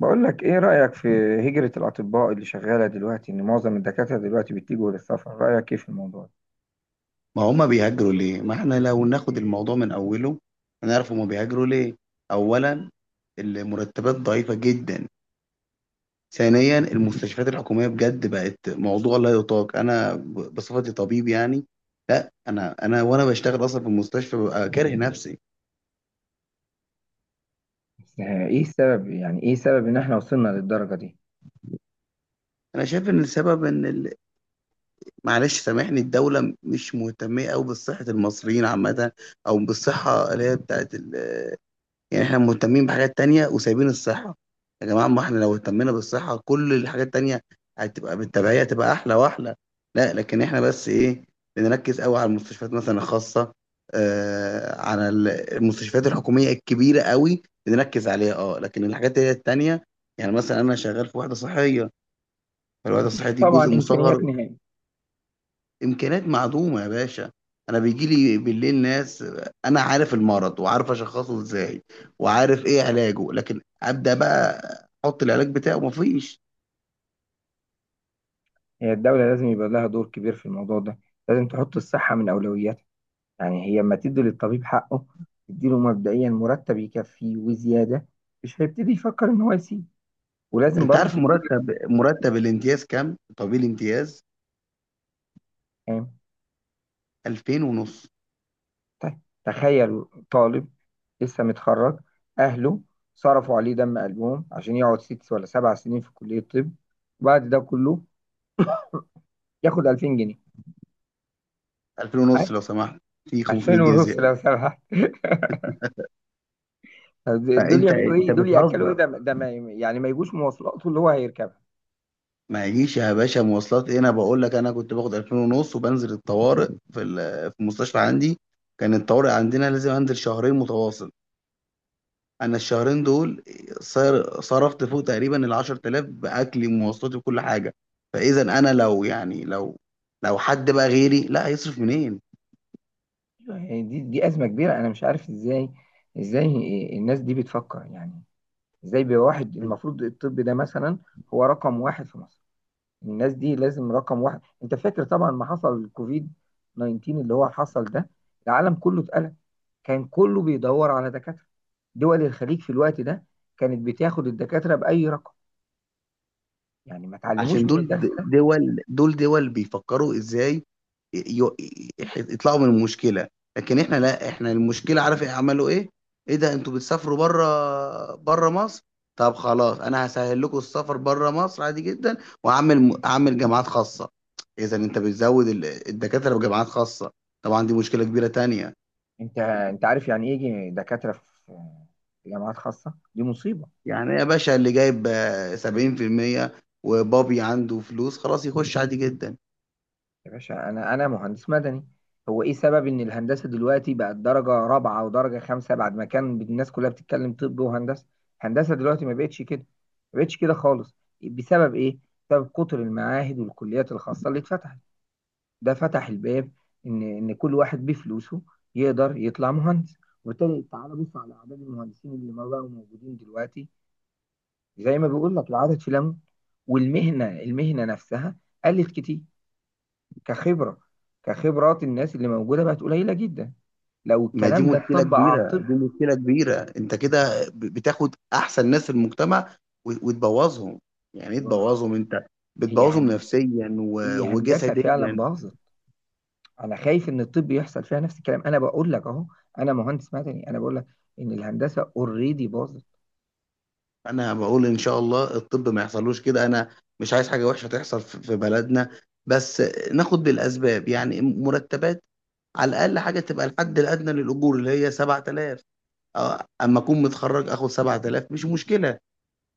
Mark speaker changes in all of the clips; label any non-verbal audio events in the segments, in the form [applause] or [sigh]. Speaker 1: بقول لك، ايه رأيك في هجرة الأطباء اللي شغالة دلوقتي؟ ان معظم الدكاترة دلوقتي بيتجهوا للسفر، رأيك ايه في الموضوع ده؟
Speaker 2: ما هم بيهاجروا ليه؟ ما احنا لو ناخد الموضوع من اوله هنعرف هم بيهاجروا ليه. اولا، المرتبات ضعيفة جدا. ثانيا، المستشفيات الحكومية بجد بقت موضوع لا يطاق. انا بصفتي طبيب يعني، لا انا وانا بشتغل اصلا في المستشفى ببقى كاره نفسي.
Speaker 1: بس ايه السبب؟ يعني ايه سبب ان احنا وصلنا للدرجة دي؟
Speaker 2: انا شايف ان السبب ان معلش سامحني، الدولة مش مهتمة قوي بصحة المصريين عامة، او بالصحة اللي هي بتاعت يعني. احنا مهتمين بحاجات تانية وسايبين الصحة. يا جماعة، ما احنا لو اهتمينا بالصحة كل الحاجات التانية هتبقى بالتبعية، هتبقى أحلى وأحلى. لا، لكن احنا بس إيه، بنركز قوي على المستشفيات مثلا الخاصة. آه، المستشفيات الحكومية الكبيرة قوي بنركز عليها، اه، لكن الحاجات اللي هي التانية، يعني مثلا أنا شغال في وحدة صحية، فالوحدة
Speaker 1: مفيش
Speaker 2: الصحية دي
Speaker 1: طبعا
Speaker 2: جزء
Speaker 1: إمكانيات
Speaker 2: مصغر.
Speaker 1: نهائي.
Speaker 2: إمكانيات معدومة يا باشا. أنا بيجي لي بالليل ناس، أنا عارف المرض وعارف أشخصه إزاي وعارف إيه علاجه، لكن أبدأ بقى أحط العلاج بتاعه، مفيش.
Speaker 1: هي الدولة لازم يبقى لها دور كبير في الموضوع ده، لازم تحط الصحة من أولوياتها. يعني هي لما تدي للطبيب حقه، تديله مبدئيا مرتب يكفيه وزيادة، مش هيبتدي يفكر ان هو يسيب. ولازم
Speaker 2: أنت
Speaker 1: برضه
Speaker 2: عارف مرتب الامتياز كام؟ طبيب الامتياز
Speaker 1: تبقى.
Speaker 2: 2000 ونص.
Speaker 1: طيب تخيل، طالب لسه متخرج، أهله صرفوا عليه دم قلبهم عشان يقعد 6 ولا 7 سنين في كلية طب، وبعد ده كله ياخد 2000 جنيه؟
Speaker 2: 2000 ونص
Speaker 1: عادي.
Speaker 2: لو سمحت، في 500
Speaker 1: 2000
Speaker 2: جنيه
Speaker 1: ونص
Speaker 2: زيادة.
Speaker 1: لو سمحت [laughs] طب دول
Speaker 2: فأنت
Speaker 1: يعملوا
Speaker 2: أنت
Speaker 1: ايه؟ دول ياكلوا ايه؟
Speaker 2: بتهزر.
Speaker 1: ده ما يعني ما يجوش مواصلاته اللي هو هيركبها.
Speaker 2: ما يجيش يا باشا مواصلات إيه، أنا بقول لك أنا كنت باخد 2000 ونص وبنزل الطوارئ في المستشفى عندي. كان الطوارئ عندنا لازم أنزل شهرين متواصل. انا الشهرين دول صرفت فوق تقريبا ال 10,000 باكلي ومواصلاتي وكل حاجه. فاذا انا لو لو حد بقى غيري، لا، هيصرف منين؟
Speaker 1: يعني دي أزمة كبيرة، أنا مش عارف ازاي الناس دي بتفكر. يعني ازاي بواحد المفروض الطب ده مثلا هو رقم واحد في مصر؟ الناس دي لازم رقم واحد. انت فاكر طبعا ما حصل الكوفيد 19 اللي هو حصل ده؟ العالم كله اتقلق، كان كله بيدور على دكاترة. دول الخليج في الوقت ده كانت بتاخد الدكاترة بأي رقم. يعني ما تعلموش
Speaker 2: عشان
Speaker 1: من
Speaker 2: دول،
Speaker 1: الدرس ده؟
Speaker 2: دول بيفكروا ازاي ي- ي- يطلعوا من المشكله. لكن احنا لا، احنا المشكله عارف ايه عملوا ايه؟ ايه ده، انتوا بتسافروا بره مصر؟ طب خلاص، انا هسهل لكم السفر بره مصر عادي جدا. واعمل جامعات خاصه. اذا انت بتزود الدكاتره بجامعات خاصه، طبعا دي مشكله كبيره تانية.
Speaker 1: انت عارف يعني ايه يجي دكاترة في جامعات خاصة؟ دي مصيبة.
Speaker 2: يعني يا باشا، اللي جايب 70% وبابي عنده فلوس خلاص يخش عادي جدا.
Speaker 1: يا باشا انا مهندس مدني. هو ايه سبب ان الهندسه دلوقتي بقت درجه رابعه ودرجه خمسه، بعد ما كان الناس كلها بتتكلم طب وهندسه؟ هندسه دلوقتي ما بقتش كده، ما بقتش كده خالص. بسبب ايه؟ بسبب كتر المعاهد والكليات الخاصه اللي اتفتحت. ده فتح الباب ان كل واحد بفلوسه يقدر يطلع مهندس. وبالتالي تعالى بص على اعداد المهندسين اللي ما بقوا موجودين دلوقتي. زي ما بيقول لك، العدد في لم. والمهنه، المهنه نفسها قلت كتير، كخبرة، كخبرات الناس اللي موجودة بقت قليلة جدا لو
Speaker 2: ما دي
Speaker 1: الكلام ده
Speaker 2: مشكلة
Speaker 1: اتطبق على
Speaker 2: كبيرة،
Speaker 1: الطب.
Speaker 2: دي مشكلة كبيرة. انت كده بتاخد احسن ناس في المجتمع وتبوظهم. يعني ايه
Speaker 1: أيوة، ما
Speaker 2: تبوظهم؟ انت
Speaker 1: هي
Speaker 2: بتبوظهم
Speaker 1: هن...
Speaker 2: نفسيا
Speaker 1: هي هندسة فعلا
Speaker 2: وجسديا.
Speaker 1: باظت. أنا خايف إن الطب يحصل فيها نفس الكلام. أنا بقول لك أهو، أنا مهندس مدني، أنا بقول لك إن الهندسة أوريدي باظت.
Speaker 2: انا بقول ان شاء الله الطب ما يحصلوش كده. انا مش عايز حاجة وحشة تحصل في بلدنا. بس ناخد بالاسباب، يعني مرتبات. على الاقل حاجة تبقى الحد الادنى للاجور اللي هي 7,000. اما اكون متخرج اخد 7,000 مش مشكلة،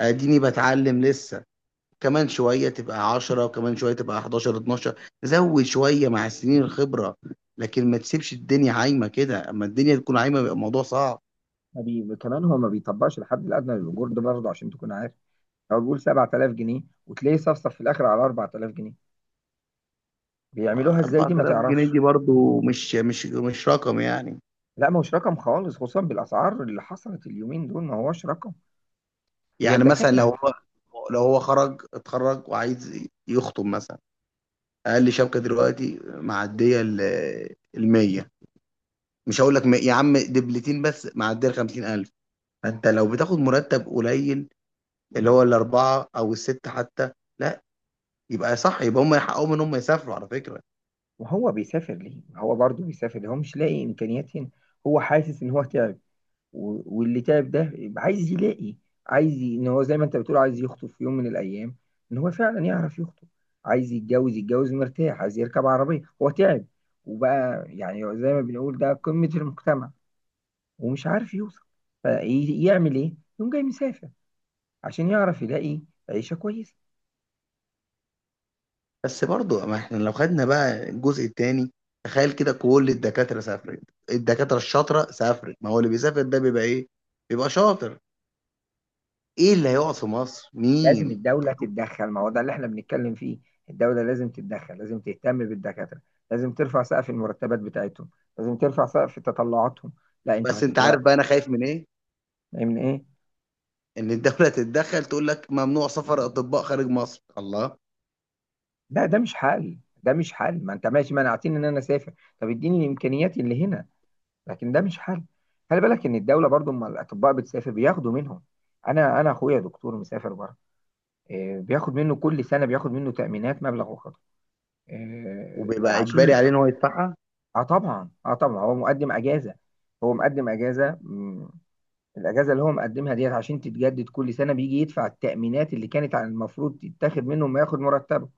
Speaker 2: اديني بتعلم لسه. كمان شوية تبقى 10، وكمان شوية تبقى 11، 12. زود شوية مع السنين الخبرة، لكن ما تسيبش الدنيا عايمة كده. اما الدنيا تكون عايمة بيبقى الموضوع صعب.
Speaker 1: ما بي... كمان هو ما بيطبقش الحد الأدنى للأجور ده برضه، عشان تكون عارف. هو بيقول 7000 جنيه وتلاقيه صفصف في الآخر على 4000 جنيه. بيعملوها إزاي دي، ما
Speaker 2: 4,000 جنيه
Speaker 1: تعرفش.
Speaker 2: دي برضو مش رقم يعني.
Speaker 1: لا، ما هوش رقم خالص، خصوصا بالاسعار اللي حصلت اليومين دول، ما هوش رقم. هي
Speaker 2: يعني مثلا
Speaker 1: الدكاتره.
Speaker 2: لو هو اتخرج وعايز يخطب مثلا، اقل شبكة دلوقتي معدية ال 100. مش هقول لك يا عم دبلتين بس معدية ال 50,000. فانت لو بتاخد مرتب قليل، اللي هو الاربعة او الستة حتى، لا، يبقى صح يبقى هم يحققوا ان هم يسافروا على فكرة.
Speaker 1: وهو بيسافر ليه؟ ما هو برضه بيسافر ليه؟ هو مش لاقي إمكانيات هنا، هو حاسس إن هو تعب، و- واللي تعب ده يبقى عايز يلاقي. إن هو زي ما أنت بتقول عايز يخطب في يوم من الأيام، إن هو فعلا يعرف يخطب، عايز يتجوز، يتجوز مرتاح، عايز يركب عربية. هو تعب، وبقى يعني زي ما بنقول ده قمة المجتمع ومش عارف يوصل. فيعمل إيه؟ يقوم جاي مسافر عشان يعرف يلاقي عيشة كويسة.
Speaker 2: بس برضو، ما احنا لو خدنا بقى الجزء التاني، تخيل كده كل الدكاترة سافرت، الدكاترة الشاطرة سافرت. ما هو اللي بيسافر ده بيبقى ايه؟ بيبقى شاطر. ايه اللي هيقعد في مصر؟
Speaker 1: لازم
Speaker 2: مين؟
Speaker 1: الدولة تتدخل، ما هو ده اللي احنا بنتكلم فيه. الدولة لازم تتدخل، لازم تهتم بالدكاترة، لازم ترفع سقف المرتبات بتاعتهم، لازم ترفع سقف تطلعاتهم. لا، انتوا
Speaker 2: بس انت عارف
Speaker 1: هتترقوا.
Speaker 2: بقى انا خايف من ايه؟
Speaker 1: من ايه؟
Speaker 2: ان الدولة [laughs] تتدخل تقول لك ممنوع سفر اطباء خارج مصر. الله!
Speaker 1: ده مش حل، ده مش حل. ما انت ماشي منعتني ان انا اسافر، طب اديني الامكانيات اللي هنا. لكن ده مش حل. خلي بالك ان الدولة برضو اما الاطباء بتسافر بياخدوا منهم. انا اخويا دكتور مسافر بره. إيه، بياخد منه كل سنة، بياخد منه تأمينات مبلغ وقدره. إيه،
Speaker 2: وبيبقى اجباري
Speaker 1: عشان
Speaker 2: عليه ان هو يدفعها.
Speaker 1: اه طبعا، اه طبعا هو مقدم اجازه. هو مقدم اجازه. الاجازه اللي هو مقدمها ديت عشان تتجدد كل سنه بيجي يدفع التامينات اللي كانت على المفروض تتاخد منه ما ياخد مرتبه.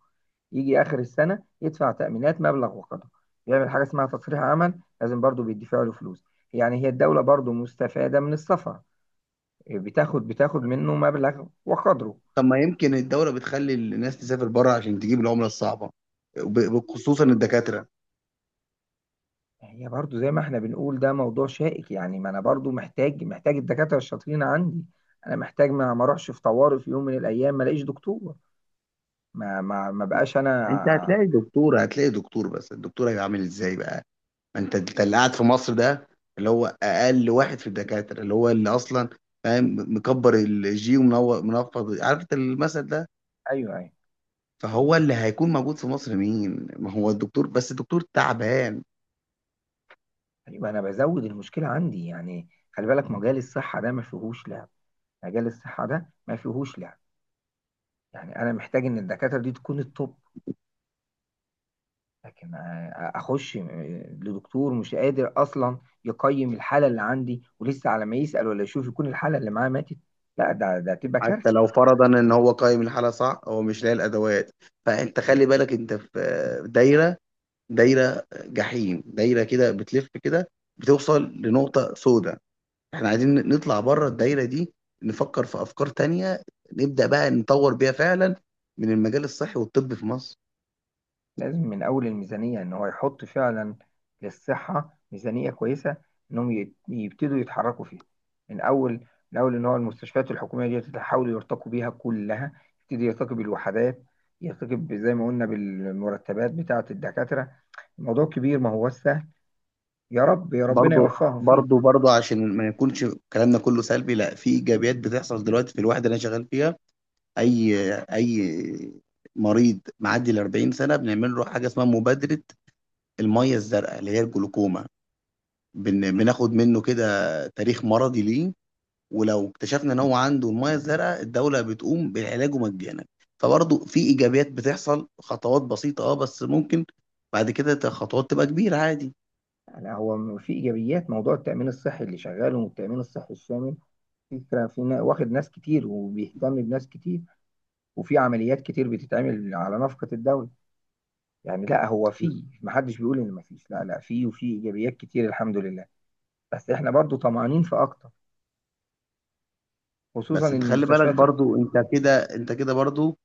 Speaker 1: يجي اخر السنه يدفع تامينات مبلغ وقدره. بيعمل حاجه اسمها تصريح عمل، لازم برضه بيدفع له فلوس. يعني هي الدوله برضه مستفاده من السفر، بتاخد منه مبلغ وقدره.
Speaker 2: طب ما يمكن الدولة بتخلي الناس تسافر بره عشان تجيب العملة الصعبة، خصوصا الدكاترة.
Speaker 1: هي برضو زي ما احنا بنقول، ده موضوع شائك. يعني ما انا برضو محتاج الدكاترة الشاطرين عندي. انا محتاج ما اروحش في طوارئ في يوم من الايام ما الاقيش دكتور. ما بقاش
Speaker 2: انت
Speaker 1: انا.
Speaker 2: هتلاقي دكتور، هتلاقي دكتور، بس الدكتور هيبقى عامل ازاي بقى؟ ما انت اللي قاعد في مصر ده، اللي هو اقل واحد في الدكاتره، اللي هو اللي اصلا فاهم مكبر الجي ومنور منفض، عارف انت المثل ده.
Speaker 1: ايوه، ايوه،
Speaker 2: فهو اللي هيكون موجود في مصر، مين؟ ما هو الدكتور، بس الدكتور تعبان.
Speaker 1: ايوه، انا بزود المشكلة عندي. يعني خلي بالك مجال الصحة ده ما فيهوش لعب. مجال الصحة ده ما فيهوش لعب. يعني انا محتاج ان الدكاترة دي تكون التوب. لكن اخش لدكتور مش قادر اصلا يقيم الحالة اللي عندي، ولسه على ما يسأل ولا يشوف يكون الحالة اللي معاه ماتت. لا، ده تبقى
Speaker 2: حتى
Speaker 1: كارثة.
Speaker 2: لو فرضا ان هو قايم الحاله صح هو مش لاقي الادوات. فانت خلي بالك، انت في دايره، دايره جحيم، دايره كده بتلف كده بتوصل لنقطه سوداء. احنا عايزين نطلع بره الدايرة دي، نفكر في افكار تانية، نبدأ بقى نطور بيها فعلا من المجال الصحي والطب في مصر.
Speaker 1: لازم من أول الميزانية إن هو يحط فعلا للصحة ميزانية كويسة. إنهم يبتدوا يتحركوا فيها. من أول، من أول، إن هو المستشفيات الحكومية دي تحاولوا يرتقوا بيها كلها، يبتدي يرتقي بالوحدات، يرتقي زي ما قلنا بالمرتبات بتاعة الدكاترة. الموضوع كبير، ما هو سهل. يا رب، يا ربنا
Speaker 2: برضو،
Speaker 1: يوفقهم فيه.
Speaker 2: برضو عشان ما يكونش كلامنا كله سلبي، لا، في ايجابيات بتحصل دلوقتي في الوحدة اللي انا شغال فيها. اي اي مريض معدي ال 40 سنة بنعمل له حاجة اسمها مبادرة المية الزرقاء اللي هي الجلوكوما. بناخد منه كده تاريخ مرضي ليه، ولو اكتشفنا ان هو عنده الميه الزرقاء الدوله بتقوم بالعلاج مجانا. فبرضه في ايجابيات بتحصل، خطوات بسيطه، اه، بس ممكن بعد كده خطوات تبقى كبيره عادي.
Speaker 1: يعني هو في إيجابيات موضوع التأمين الصحي اللي شغال، والتأمين الصحي الشامل فكرة في واخد ناس كتير وبيهتم بناس كتير. وفي عمليات كتير بتتعمل على نفقة الدولة. يعني لا هو فيه، محدش بيقول ان مفيش. لا، لا، فيه، وفيه ايجابيات كتير الحمد لله. بس احنا برضو طمعانين في اكتر، خصوصا
Speaker 2: بس
Speaker 1: ان
Speaker 2: انت خلي بالك
Speaker 1: المستشفيات
Speaker 2: برضه، انت كده، انت كده برضه،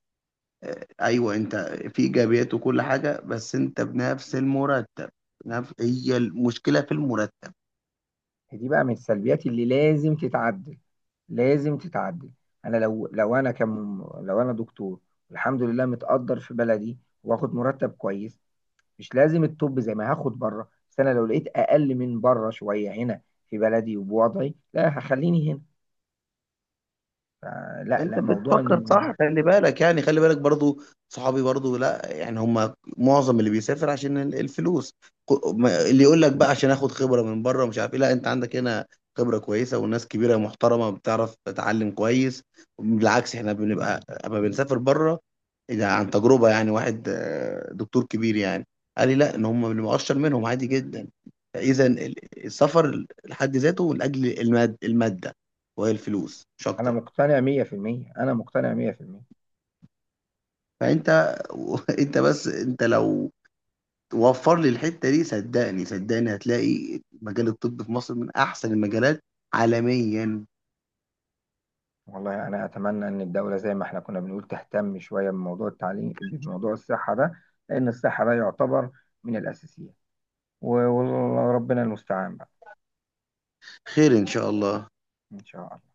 Speaker 2: ايوه انت، في ايجابيات وكل حاجه، بس انت بنفس المرتب. هي المشكله في المرتب.
Speaker 1: دي. بقى من السلبيات اللي لازم تتعدل، لازم تتعدل. انا لو، انا كم، لو انا دكتور الحمد لله متقدر في بلدي، واخد مرتب كويس، مش لازم الطب زي ما هاخد بره، بس انا لو لقيت اقل من بره شويه هنا في بلدي وبوضعي، لا هخليني هنا. لا،
Speaker 2: انت
Speaker 1: لا، موضوع
Speaker 2: بتفكر
Speaker 1: ان
Speaker 2: صح. خلي بالك يعني، خلي بالك برضو صحابي برضو، لا يعني هم معظم اللي بيسافر عشان الفلوس. اللي يقول لك بقى عشان اخد خبرة من بره ومش عارف ايه، لا، انت عندك هنا خبرة كويسة وناس كبيرة محترمة بتعرف تتعلم كويس. بالعكس، احنا بنبقى اما بنسافر بره، ده عن تجربة. يعني واحد دكتور كبير يعني قال لي لا، ان هم بنبقى اشطر منهم عادي جدا. اذا السفر لحد ذاته لاجل المادة، وهي الفلوس، مش
Speaker 1: انا
Speaker 2: اكتر.
Speaker 1: مقتنع 100%. انا مقتنع 100%.
Speaker 2: فانت [laughs] انت بس، انت لو وفر لي الحته دي صدقني، صدقني هتلاقي مجال الطب في مصر من احسن المجالات عالميا.
Speaker 1: والله أنا أتمنى إن الدولة زي ما إحنا كنا بنقول تهتم شوية بموضوع التعليم، بموضوع الصحة ده، لأن الصحة ده يعتبر من الأساسيات. و- وربنا المستعان بقى.
Speaker 2: خير ان شاء الله.
Speaker 1: إن شاء الله.